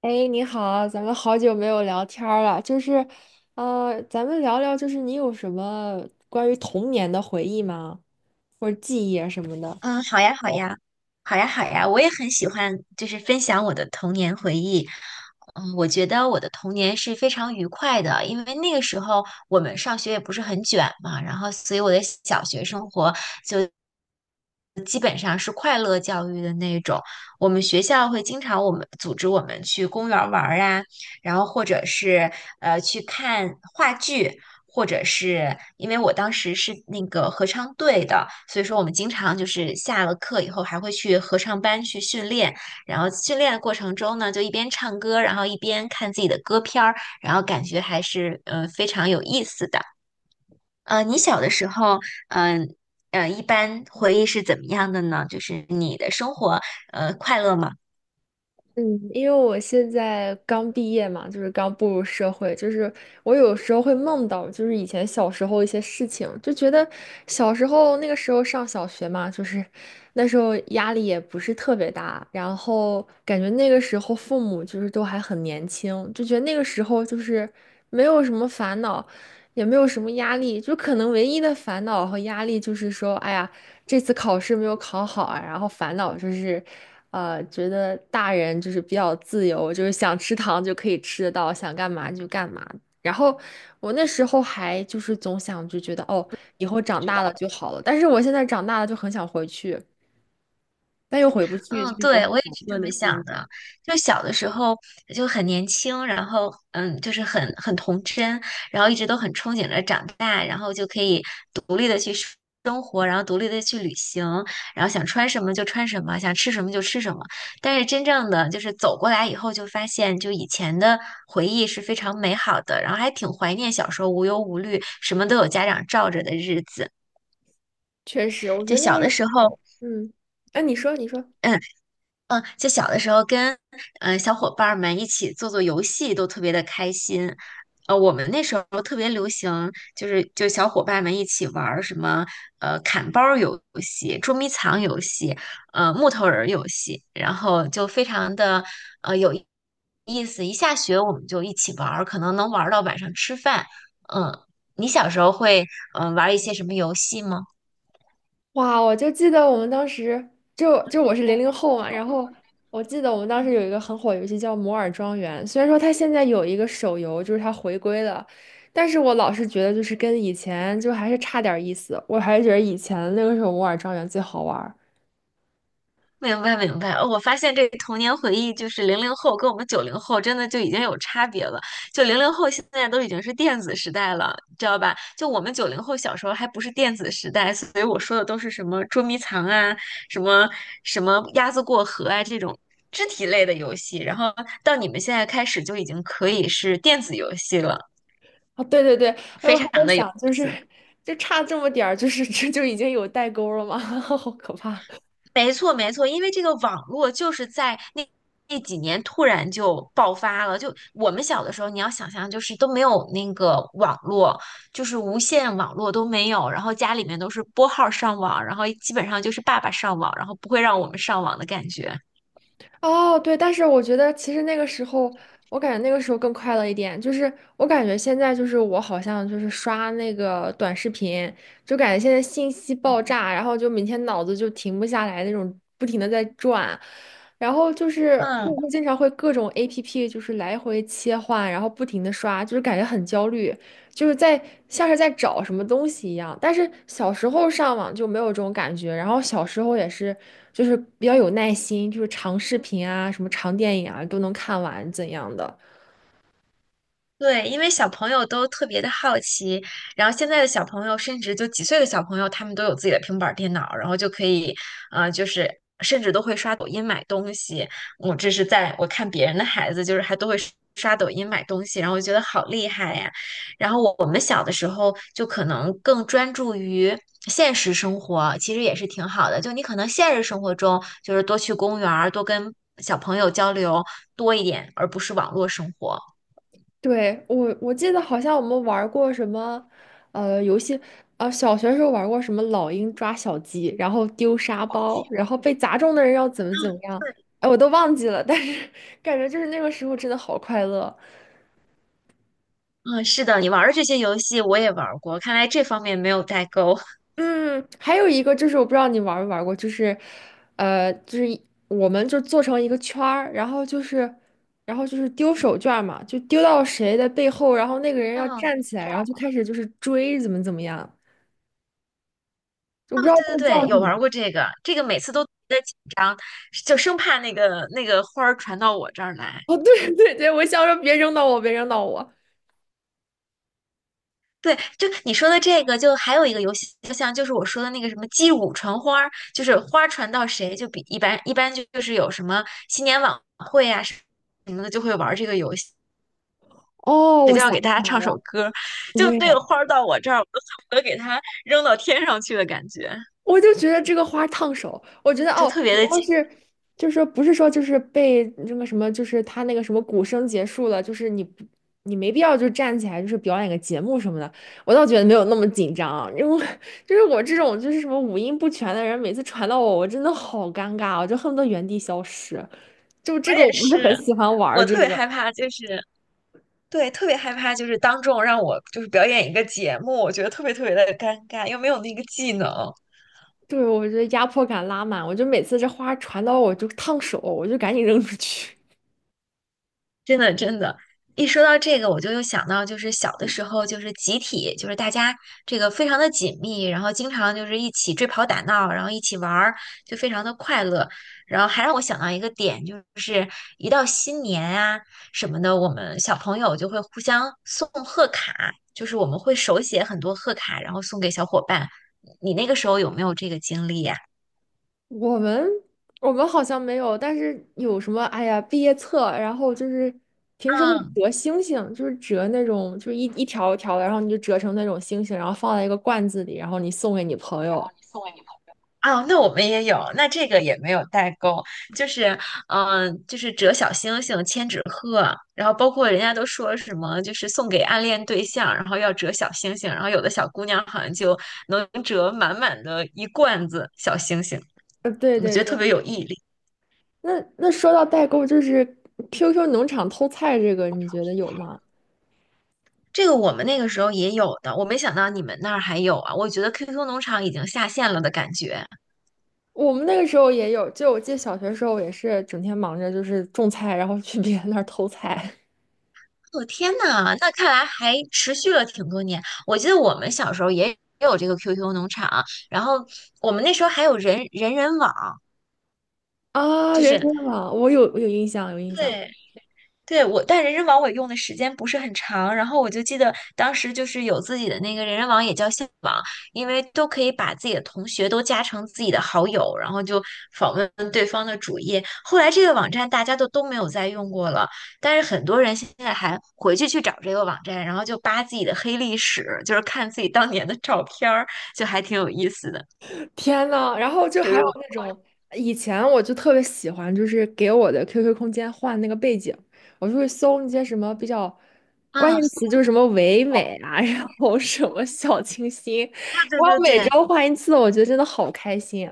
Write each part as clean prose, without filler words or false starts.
哎，你好，咱们好久没有聊天儿了，就是，咱们聊聊，就是你有什么关于童年的回忆吗？或者记忆啊什么的？嗯，好呀，好呀，我也很喜欢，就是分享我的童年回忆。嗯，我觉得我的童年是非常愉快的，因为那个时候我们上学也不是很卷嘛，然后所以我的小学生活就基本上是快乐教育的那种。我们学校会经常我们组织我们去公园儿玩儿啊，然后或者是去看话剧。或者是因为我当时是那个合唱队的，所以说我们经常就是下了课以后还会去合唱班去训练，然后训练的过程中呢，就一边唱歌，然后一边看自己的歌片儿，然后感觉还是非常有意思的。你小的时候，嗯、一般回忆是怎么样的呢？就是你的生活，快乐吗？嗯，因为我现在刚毕业嘛，就是刚步入社会，就是我有时候会梦到，就是以前小时候一些事情，就觉得小时候那个时候上小学嘛，就是那时候压力也不是特别大，然后感觉那个时候父母就是都还很年轻，就觉得那个时候就是没有什么烦恼，也没有什么压力，就可能唯一的烦恼和压力就是说，哎呀，这次考试没有考好啊。然后烦恼就是，觉得大人就是比较自由，就是想吃糖就可以吃得到，想干嘛就干嘛。然后我那时候还就是总想就觉得哦，以后长大了就好了。但是我现在长大了就很想回去，但又回不去，就嗯，是一种对，很我也矛是这盾的么想心理。的。就小的时候就很年轻，然后嗯，就是很童真，然后一直都很憧憬着长大，然后就可以独立的去生活，然后独立的去旅行，然后想穿什么就穿什么，想吃什么就吃什么。但是真正的就是走过来以后，就发现就以前的回忆是非常美好的，然后还挺怀念小时候无忧无虑，什么都有家长罩着的日子。确实，我觉就得那小个的时时候。候，嗯，哎、你说，你说。嗯，嗯，就小的时候跟嗯小伙伴儿们一起做做游戏都特别的开心。我们那时候特别流行，就是就小伙伴们一起玩儿什么砍包儿游戏、捉迷藏游戏、木头人儿游戏，然后就非常的有意思。一下学我们就一起玩儿，可能能玩儿到晚上吃饭。嗯，你小时候会玩儿一些什么游戏吗？哇，我就记得我们当时就我是零零后嘛，然后我记得我们当时有一个很火的游戏叫《摩尔庄园》，虽然说它现在有一个手游，就是它回归了，但是我老是觉得就是跟以前就还是差点意思，我还是觉得以前那个时候《摩尔庄园》最好玩明白明白，哦我发现这个童年回忆就是零零后跟我们九零后真的就已经有差别了。就零零后现在都已经是电子时代了，知道吧？就我们九零后小时候还不是电子时代，所以我说的都是什么捉迷藏啊，什么什么鸭子过河啊这种肢体类的游戏。然后到你们现在开始就已经可以是电子游戏了，啊。哦，对对对，哎，我非还常在的有想，意就是 思。就差这么点儿，就是 这就已经有代沟了吗？好可怕！没错，没错，因为这个网络就是在那几年突然就爆发了。就我们小的时候，你要想象，就是都没有那个网络，就是无线网络都没有，然后家里面都是拨号上网，然后基本上就是爸爸上网，然后不会让我们上网的感觉。哦，对，但是我觉得其实那个时候，我感觉那个时候更快乐一点。就是我感觉现在就是我好像就是刷那个短视频，就感觉现在信息爆炸，然后就每天脑子就停不下来那种，不停的在转。然后就是我嗯。会经常会各种 APP 就是来回切换，然后不停的刷，就是感觉很焦虑。就是在像是在找什么东西一样。但是小时候上网就没有这种感觉，然后小时候也是，就是比较有耐心，就是长视频啊、什么长电影啊都能看完怎样的。对，因为小朋友都特别的好奇，然后现在的小朋友，甚至就几岁的小朋友，他们都有自己的平板儿电脑，然后就可以，就是甚至都会刷抖音买东西。我这是在我看别人的孩子，就是还都会刷刷抖音买东西，然后我觉得好厉害呀。然后我们小的时候就可能更专注于现实生活，其实也是挺好的。就你可能现实生活中就是多去公园儿，多跟小朋友交流多一点，而不是网络生活。对，我记得好像我们玩过什么，游戏，小学时候玩过什么老鹰抓小鸡，然后丢沙包，然后被砸中的人要怎么怎么样，哎，我都忘记了，但是 感觉就是那个时候真的好快乐。嗯，是的，你玩的这些游戏我也玩过，看来这方面没有代沟。嗯，还有一个就是我不知道你玩没玩过，就是，就是我们就做成一个圈儿，然后就是，然后就是丢手绢儿嘛，就丢到谁的背后，然后那个人要嗯，站起来，然后就开始就是追怎么怎么样，我不哦，知道对对这个叫对，什有么。玩过 这个，这个每次都特别紧张，就生怕那个花儿传到我这儿来。哦，对对对，我想说别扔到我，别扔到我。对，就你说的这个，就还有一个游戏，就像就是我说的那个什么击鼓传花儿，就是花儿传到谁，就比一般就是有什么新年晚会啊什么的，就会玩这个游戏，哦，谁我就想。要给大家唱首歌 就这个花儿到我这儿，我都恨不得给它扔到天上去的感觉。我就觉得这个花烫手，我觉得就哦，特别你的要紧。是就是说不是说就是被那个什么，就是他那个什么鼓声结束了，就是你没必要就站起来就是表演个节目什么的，我倒觉得没有那么紧张，因为就是我这种就是什么五音不全的人，每次传到我，我真的好尴尬哦，我就恨不得原地消失。就我这个我也不是很是，喜欢玩儿我这特别个，害怕，就是对，特别害怕，就是当众让我就是表演一个节目，我觉得特别特别的尴尬，又没有那个技能。对，我觉得压迫感拉满，我就每次这花传到我就烫手，我就赶紧扔出去。真的，真的，一说到这个，我就又想到，就是小的时候，就是集体，就是大家这个非常的紧密，然后经常就是一起追跑打闹，然后一起玩儿，就非常的快乐。然后还让我想到一个点，就是一到新年啊什么的，我们小朋友就会互相送贺卡，就是我们会手写很多贺卡，然后送给小伙伴。你那个时候有没有这个经历呀？我们我们好像没有，但是有什么？哎呀，毕业册，然后就是平时会折星星，就是折那种，就是一条一条的，然后你就折成那种星星，然后放在一个罐子里，然后你送给你朋友。啊，那我们也有，那这个也没有代沟，就是，就是折小星星、千纸鹤，然后包括人家都说什么，就是送给暗恋对象，然后要折小星星，然后有的小姑娘好像就能折满满的一罐子小星星，对我对觉得特对，别有毅力。那说到代购，就是 QQ 农场偷菜这个，你觉得有吗？这个我们那个时候也有的，我没想到你们那儿还有啊，我觉得 QQ 农场已经下线了的感觉。我们那个时候也有，就我记得小学时候也是整天忙着就是种菜，然后去别人那儿偷菜 我天呐，那看来还持续了挺多年。我记得我们小时候也有这个 QQ 农场，然后我们那时候还有人人网，啊，就人是参网，我有印象，有印象。对对，我，但人人网我用的时间不是很长，然后我就记得当时就是有自己的那个人人网，也叫校网，因为都可以把自己的同学都加成自己的好友，然后就访问对方的主页。后来这个网站大家都没有再用过了，但是很多人现在还回去去找这个网站，然后就扒自己的黑历史，就是看自己当年的照片儿，就还挺有意思的。天呐，然后就就还如有果，那种以前我就特别喜欢，就是给我的 QQ 空间换那个背景，我就会搜那些什么比较关嗯，键词，就是什么唯美啊，然后什么小清新，对然对后对每对。周换一次，我觉得真的好开心。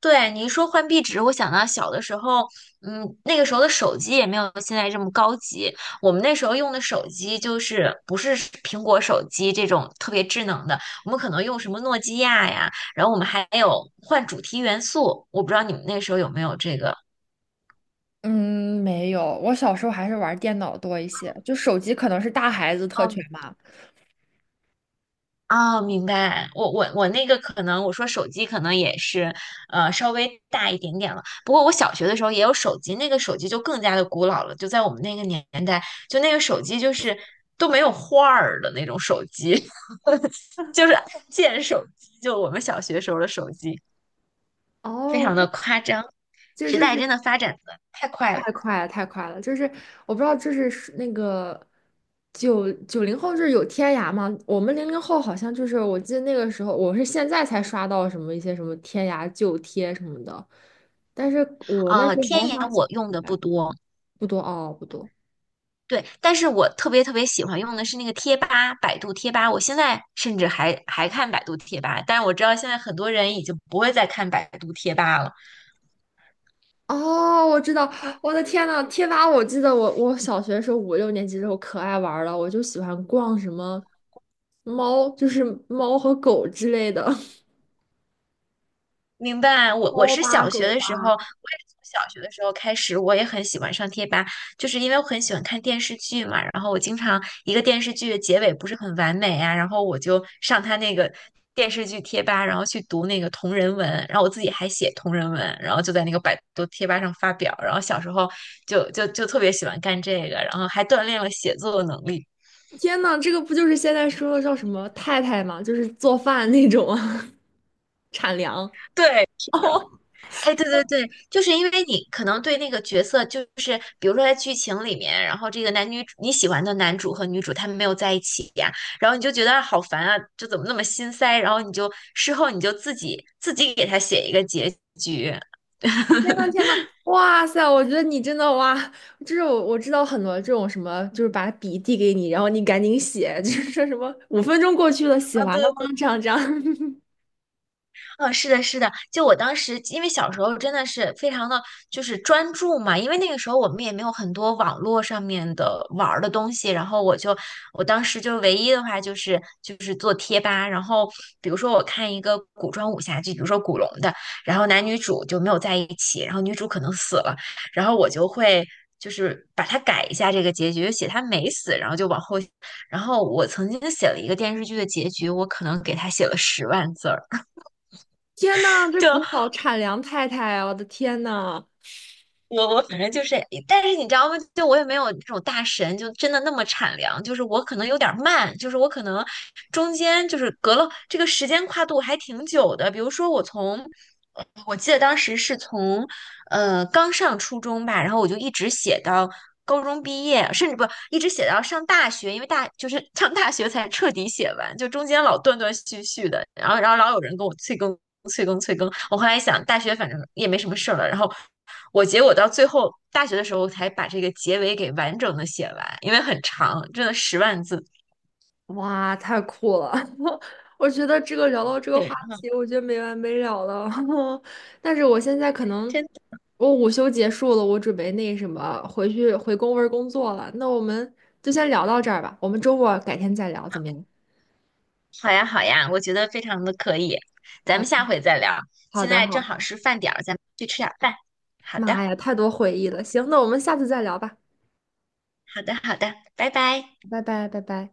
对，你一说换壁纸，我想到小的时候，嗯，那个时候的手机也没有现在这么高级。我们那时候用的手机就是不是苹果手机这种特别智能的，我们可能用什么诺基亚呀，然后我们还有换主题元素，我不知道你们那时候有没有这个。嗯，没有，我小时候还是玩电脑多一些，就手机可能是大孩子特权嘛。哦，明白。我那个可能，我说手机可能也是，稍微大一点点了。不过我小学的时候也有手机，那个手机就更加的古老了，就在我们那个年代，就那个手机就是都没有画儿的那种手机，就是按键手机，就我们小学时候的手机，非哦，常的这夸张。这时就代是真的发展的太快了。太快了，太快了！就是我不知道，就是是那个九零后是有天涯吗？我们零零后好像就是，我记得那个时候，我是现在才刷到什么一些什么天涯旧贴什么的，但是我那啊！时候天还在眼上小我用的不学。多，不多哦，不多。对，但是我特别特别喜欢用的是那个贴吧，百度贴吧。我现在甚至还看百度贴吧，但是我知道现在很多人已经不会再看百度贴吧了。哦，我知道，我的天呐，贴吧！我记得我小学的时候五六年级的时候可爱玩儿了，我就喜欢逛什么猫，就是猫和狗之类的。明白，我猫是吧小狗学的时候，吧。我也是从小学的时候开始，我也很喜欢上贴吧，就是因为我很喜欢看电视剧嘛，然后我经常一个电视剧的结尾不是很完美啊，然后我就上他那个电视剧贴吧，然后去读那个同人文，然后我自己还写同人文，然后就在那个百度贴吧上发表，然后小时候就特别喜欢干这个，然后还锻炼了写作能力。天呐，这个不就是现在说的叫什么太太吗？就是做饭那种啊，产粮。对，是的。哦，哎，对对对，就是因为你可能对那个角色，就是比如说在剧情里面，然后这个男女主你喜欢的男主和女主他们没有在一起呀，然后你就觉得好烦啊，就怎么那么心塞，然后你就事后你就自己给他写一个结局天呐天呐，哇塞！我觉得你真的哇，就是我知道很多这种什么，就是把笔递给你，然后你赶紧写，就是说什么5分钟过去了，写啊，完对了吗？对这样这样。嗯，是的，是的，就我当时，因为小时候真的是非常的，就是专注嘛，因为那个时候我们也没有很多网络上面的玩儿的东西，然后我就，我当时就唯一的话就是做贴吧，然后比如说我看一个古装武侠剧，比如说古龙的，然后男女主就没有在一起，然后女主可能死了，然后我就会。就是把它改一下这个结局，写他没死，然后就往后，然后我曾经写了一个电视剧的结局，我可能给他写了10万字儿，天呐，这古 早产粮太太啊，我的天呐！我我反正就是，但是你知道吗？就我也没有那种大神，就真的那么产粮。就是我可能有点儿慢，就是我可能中间就是隔了这个时间跨度还挺久的。比如说我从，我记得当时是从，刚上初中吧，然后我就一直写到高中毕业，甚至不一直写到上大学，因为大就是 上大学才彻底写完，就中间老断断续续的，然后然后老有人跟我催更。我后来想，大学反正也没什么事儿了，然后。我结果到最后大学的时候才把这个结尾给完整的写完，因为很长，真的十万字。哇，太酷了！我觉得这个聊到这个对，话嗯，题，我觉得没完没了了。但是我现在可能真的我午休结束了，我准备那什么回去回公文工作了。那我们就先聊到这儿吧，我们周末改天再聊，怎么样？好呀好呀，我觉得非常的可以，咱好们的，下回再聊。好现的，在好正好的。是饭点儿，咱们去吃点儿饭。好妈的，呀，太多回忆了。行，那我们下次再聊吧。好的，好的，拜拜。拜拜，拜拜。